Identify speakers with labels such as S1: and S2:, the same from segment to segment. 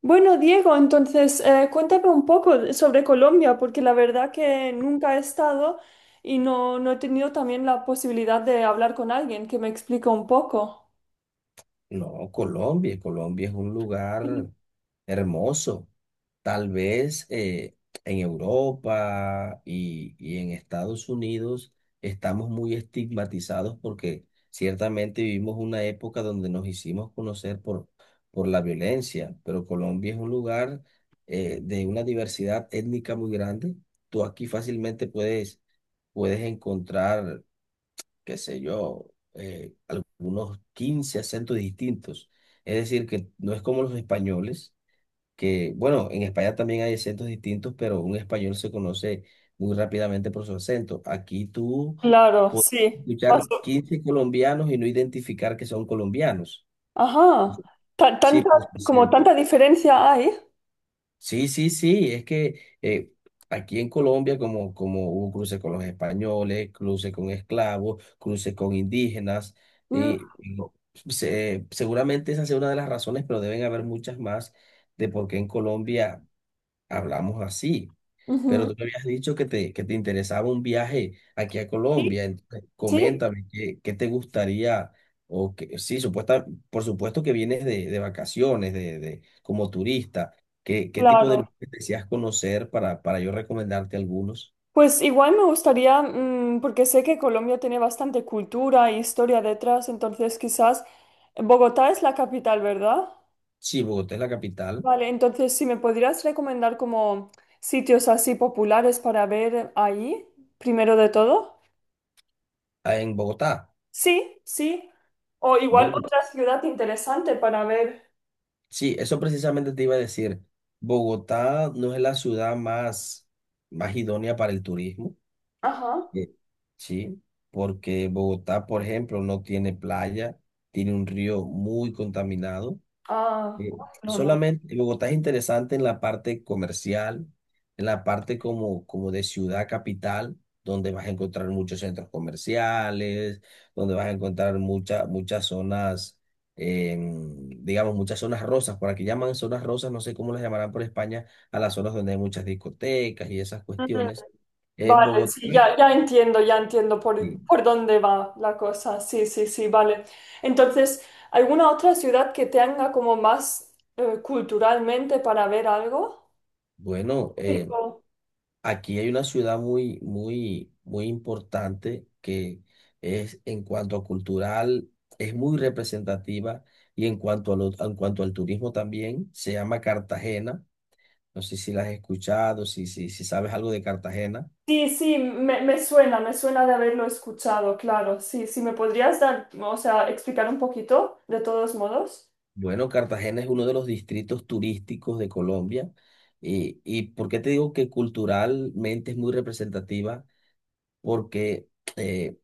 S1: Bueno, Diego, entonces cuéntame un poco sobre Colombia, porque la verdad que nunca he estado y no he tenido también la posibilidad de hablar con alguien que me explique un poco.
S2: No, Colombia es un lugar hermoso. Tal vez en Europa y en Estados Unidos estamos muy estigmatizados porque ciertamente vivimos una época donde nos hicimos conocer por la violencia, pero Colombia es un lugar de una diversidad étnica muy grande. Tú aquí fácilmente puedes encontrar, qué sé yo, algunos 15 acentos distintos. Es decir, que no es como los españoles, que, bueno, en España también hay acentos distintos, pero un español se conoce muy rápidamente por su acento. Aquí tú
S1: Claro,
S2: puedes
S1: sí.
S2: escuchar
S1: Paso.
S2: 15 colombianos y no identificar que son colombianos.
S1: Ajá.
S2: Sí,
S1: Tanta,
S2: por su
S1: como
S2: acento.
S1: tanta diferencia hay.
S2: Sí, sí, sí, es que aquí en Colombia, como hubo cruces con los españoles, cruces con esclavos, cruces con indígenas,
S1: Mm,
S2: y no- seguramente esa es una de las razones, pero deben haber muchas más de por qué en Colombia hablamos así. Pero
S1: ujú.
S2: tú me habías dicho que te interesaba un viaje aquí a
S1: Sí,
S2: Colombia. Entonces,
S1: sí,
S2: coméntame qué te gustaría, o que sí, supuesta, por supuesto que vienes de vacaciones, como turista. ¿Qué, qué tipo de
S1: claro.
S2: lugares deseas conocer para yo recomendarte algunos?
S1: Pues igual me gustaría, porque sé que Colombia tiene bastante cultura e historia detrás, entonces quizás Bogotá es la capital, ¿verdad?
S2: Sí, Bogotá es la capital.
S1: Vale, entonces si me podrías recomendar como sitios así populares para ver ahí, primero de todo.
S2: Ah, en Bogotá.
S1: Sí, sí. O igual
S2: Bueno,
S1: otra ciudad interesante para ver.
S2: sí, eso precisamente te iba a decir. Bogotá no es la ciudad más idónea para el turismo.
S1: Ajá.
S2: Eh, Sí, porque Bogotá, por ejemplo, no tiene playa, tiene un río muy contaminado.
S1: Ah,
S2: Eh,
S1: no, no.
S2: solamente Bogotá es interesante en la parte comercial, en la parte como de ciudad capital, donde vas a encontrar muchos centros comerciales, donde vas a encontrar muchas zonas, digamos, muchas zonas rosas. Por aquí llaman zonas rosas, no sé cómo las llamarán por España, a las zonas donde hay muchas discotecas y esas
S1: Mm.
S2: cuestiones.
S1: Vale,
S2: Bogotá.
S1: sí, ya entiendo, ya entiendo
S2: Sí.
S1: por dónde va la cosa. Sí, sí, sí, vale. Entonces, ¿alguna otra ciudad que tenga como más culturalmente para ver algo?
S2: Bueno, aquí hay una ciudad muy, muy, muy importante que es, en cuanto a cultural, es muy representativa, y en cuanto en cuanto al turismo también, se llama Cartagena. No sé si la has escuchado, si sabes algo de Cartagena.
S1: Sí, sí, me suena de haberlo escuchado, claro. Sí, sí, ¿me podrías dar, o sea, explicar un poquito, de todos modos?
S2: Bueno, Cartagena es uno de los distritos turísticos de Colombia. Y, y, ¿por qué te digo que culturalmente es muy representativa? Porque eh,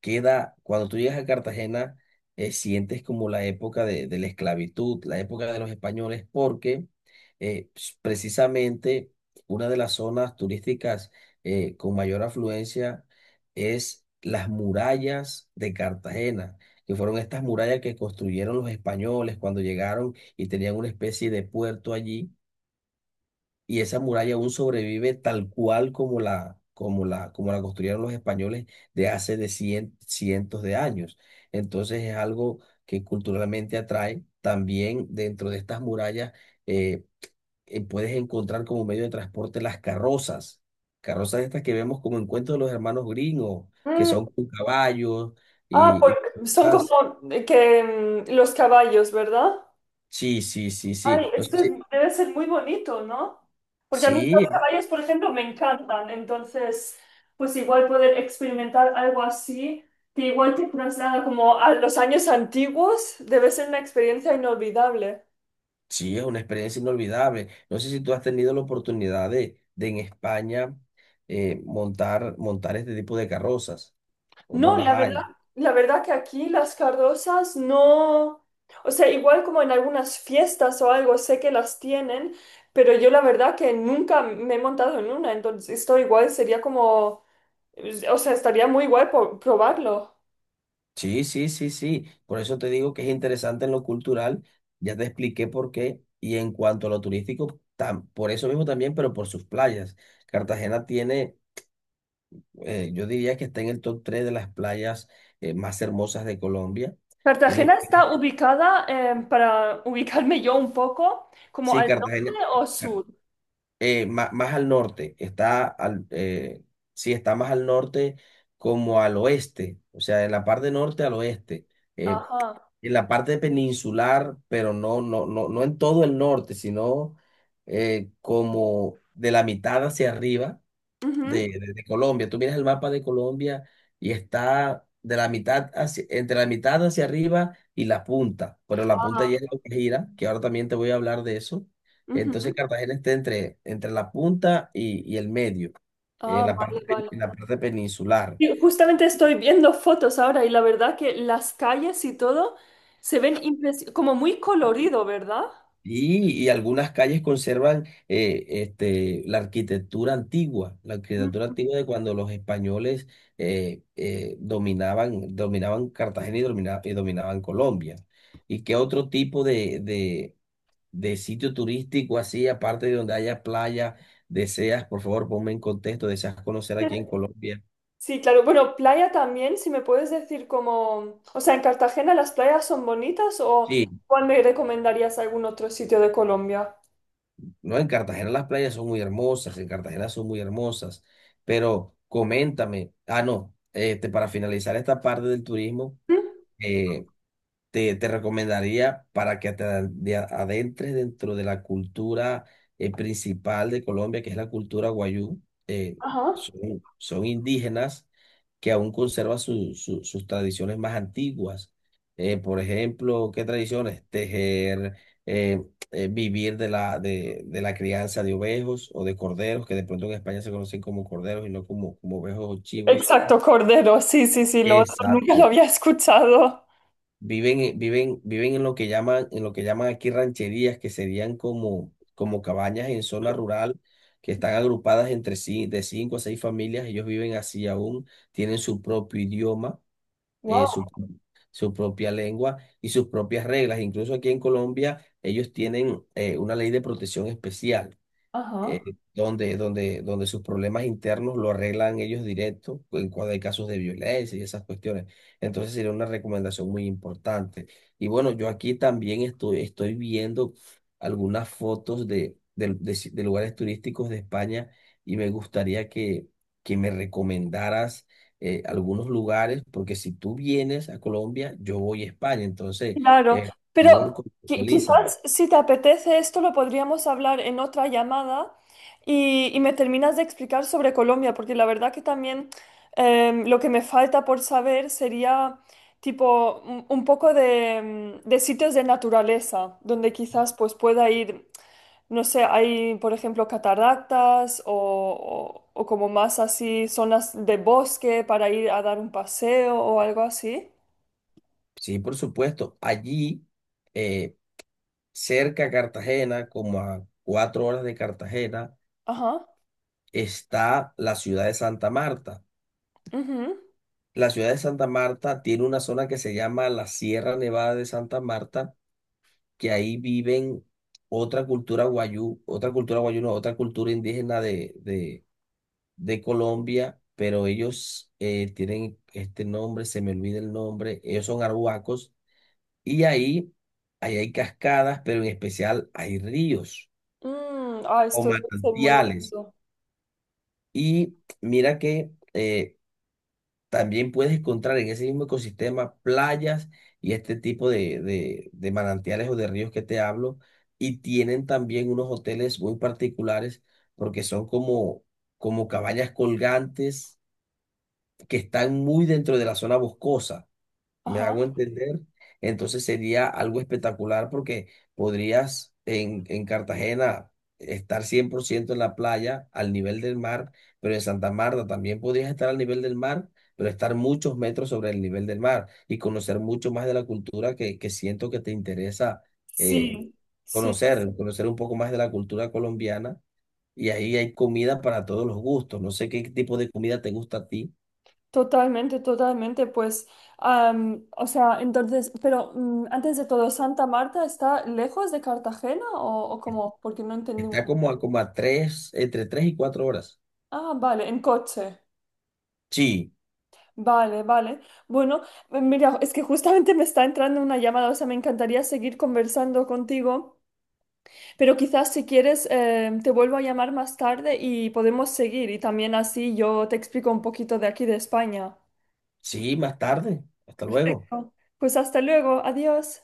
S2: queda, cuando tú llegas a Cartagena, sientes como la época de la esclavitud, la época de los españoles. Porque precisamente una de las zonas turísticas con mayor afluencia es las murallas de Cartagena, que fueron estas murallas que construyeron los españoles cuando llegaron y tenían una especie de puerto allí, y esa muralla aún sobrevive tal cual como la construyeron los españoles de hace de cientos de años. Entonces es algo que culturalmente atrae. También dentro de estas murallas eh, puedes encontrar como medio de transporte las carrozas, carrozas estas que vemos como en cuentos de los hermanos gringos, que
S1: Mm,
S2: son con caballos
S1: ah,
S2: y, y-
S1: porque son
S2: ah,
S1: como eh, que los caballos, ¿verdad?
S2: sí, sí, sí,
S1: Ay,
S2: sí. No sé
S1: esto es-
S2: si-
S1: debe ser muy bonito, ¿no? Porque a mí los
S2: Sí,
S1: caballos, por ejemplo, me encantan. Entonces, pues igual poder experimentar algo así, que igual te traslada como a los años antiguos, debe ser una experiencia inolvidable.
S2: sí, es una experiencia inolvidable. No sé si tú has tenido la oportunidad de en España montar este tipo de carrozas o no
S1: No,
S2: las hay.
S1: la verdad que aquí las cardosas no, o sea, igual como en algunas fiestas o algo, sé que las tienen, pero yo la verdad que nunca me he montado en una, entonces esto igual sería como, o sea, estaría muy guay probarlo.
S2: Sí, sí, sí, sí. Por eso te digo que es interesante en lo cultural. Ya te expliqué por qué. Y en cuanto a lo turístico, por eso mismo también, pero por sus playas. Cartagena tiene, yo diría que está en el top 3 de las playas más hermosas de Colombia.
S1: Cartagena
S2: Tiene,
S1: está ubicada, para ubicarme yo un poco, como
S2: sí,
S1: al
S2: Cartagena
S1: norte o sur.
S2: más al norte, sí, está más al norte, como al oeste, o sea, en la parte norte al oeste, eh,
S1: Ajá.
S2: en la parte peninsular, pero no, no, no, no en todo el norte, sino como de la mitad hacia arriba, de,
S1: Ujú.
S2: de- de Colombia. Tú miras el mapa de Colombia y está de la mitad hacia, entre la mitad hacia arriba y la punta, pero la punta
S1: Ah,
S2: ya es lo que gira, que ahora también te voy a hablar de eso. Entonces
S1: ujú.
S2: Cartagena está entre la punta y el medio, en
S1: Ah,
S2: la parte,
S1: vale, vale.
S2: en la parte peninsular.
S1: Y justamente estoy viendo fotos ahora y la verdad que las calles y todo se ven como muy colorido, ¿verdad?
S2: Y algunas calles conservan, la
S1: Mm.
S2: arquitectura antigua de cuando los españoles dominaban Cartagena y dominaban Colombia. ¿Y qué otro tipo de sitio turístico así, aparte de donde haya playa, deseas, por favor, ponme en contexto, deseas conocer aquí en Colombia?
S1: Sí, claro. Bueno, playa también, si me puedes decir como, o sea, ¿en Cartagena las playas son bonitas o
S2: Sí.
S1: cuál me recomendarías algún otro sitio de Colombia?
S2: No, en Cartagena las playas son muy hermosas, en Cartagena son muy hermosas, pero coméntame. Ah, no, este, para finalizar esta parte del turismo,
S1: ¿Mm?
S2: eh, te recomendaría para que te adentres dentro de la cultura principal de Colombia, que es la cultura wayú. Eh,
S1: Ajá.
S2: son, son indígenas que aún conservan sus tradiciones más antiguas. Por ejemplo, ¿qué tradiciones? Tejer, eh, vivir de la crianza de ovejos o de corderos, que de pronto en España se conocen como corderos y no como, como ovejos o chivos.
S1: Exacto, cordero. Sí, sí, sí, lo otro nunca lo
S2: Exacto.
S1: había escuchado.
S2: Viven, viven en lo que llaman, en lo que llaman aquí rancherías, que serían como, como cabañas en zona rural, que están agrupadas entre sí, de cinco a seis familias. Ellos viven así aún, tienen su propio idioma,
S1: Wow.
S2: eh, su, su propia lengua y sus propias reglas. Incluso aquí en Colombia, ellos tienen una ley de protección especial
S1: Ajá.
S2: donde, donde sus problemas internos lo arreglan ellos directo en cuando hay casos de violencia y esas cuestiones. Entonces sería una recomendación muy importante. Y bueno, yo aquí también estoy viendo algunas fotos de si- de lugares turísticos de España, y me gustaría que me recomendaras algunos lugares, porque si tú vienes a Colombia, yo voy a España. Entonces,
S1: Claro,
S2: eh,
S1: pero
S2: por favor, contextualízame.
S1: quizás si te apetece esto lo podríamos hablar en otra llamada y me terminas de explicar sobre Colombia, porque la verdad que también lo que me falta por saber sería tipo un poco de, de sitios de naturaleza, donde quizás pues pueda ir, no sé, hay por ejemplo cataratas o, o como más así zonas de bosque para ir a dar un paseo o algo así.
S2: Sí, por supuesto. Allí eh, cerca a Cartagena, como a 4 horas de Cartagena,
S1: Ajá.
S2: está la ciudad de Santa Marta.
S1: Ujú.
S2: La ciudad de Santa Marta tiene una zona que se llama la Sierra Nevada de Santa Marta, que ahí viven otra cultura guayú, no, otra cultura indígena de Colombia, pero ellos tienen este nombre, se me olvida el nombre, ellos son arhuacos, y ahí, ahí hay cascadas, pero en especial hay ríos
S1: Mm, ah,
S2: o
S1: esto debe ser muy
S2: manantiales.
S1: bonito.
S2: Y mira que también puedes encontrar en ese mismo ecosistema playas y este tipo de manantiales o de ríos que te hablo. Y tienen también unos hoteles muy particulares, porque son como, como cabañas colgantes que están muy dentro de la zona boscosa. ¿Me
S1: Ajá.
S2: hago entender? Entonces sería algo espectacular porque podrías en Cartagena estar 100% en la playa al nivel del mar, pero en Santa Marta también podrías estar al nivel del mar, pero estar muchos metros sobre el nivel del mar, y conocer mucho más de la cultura que siento que te interesa eh,
S1: Sí, sí,
S2: conocer un poco más de la cultura colombiana. Y ahí hay comida para todos los gustos. No sé qué tipo de comida te gusta a ti.
S1: totalmente, totalmente. Pues, am, o sea, entonces, pero antes de todo, ¿Santa Marta está lejos de Cartagena o cómo? Porque no entendí
S2: Está
S1: bien.
S2: como a tres, entre 3 y 4 horas.
S1: Ah, vale, en coche.
S2: Sí,
S1: Vale, vale. Bueno, mira, es que justamente me está entrando una llamada, o sea, me encantaría seguir conversando contigo. Pero quizás si quieres, te vuelvo a llamar más tarde y podemos seguir. Y también así yo te explico un poquito de aquí de España.
S2: sí, más tarde. Hasta luego.
S1: Perfecto. Pues hasta luego. Adiós.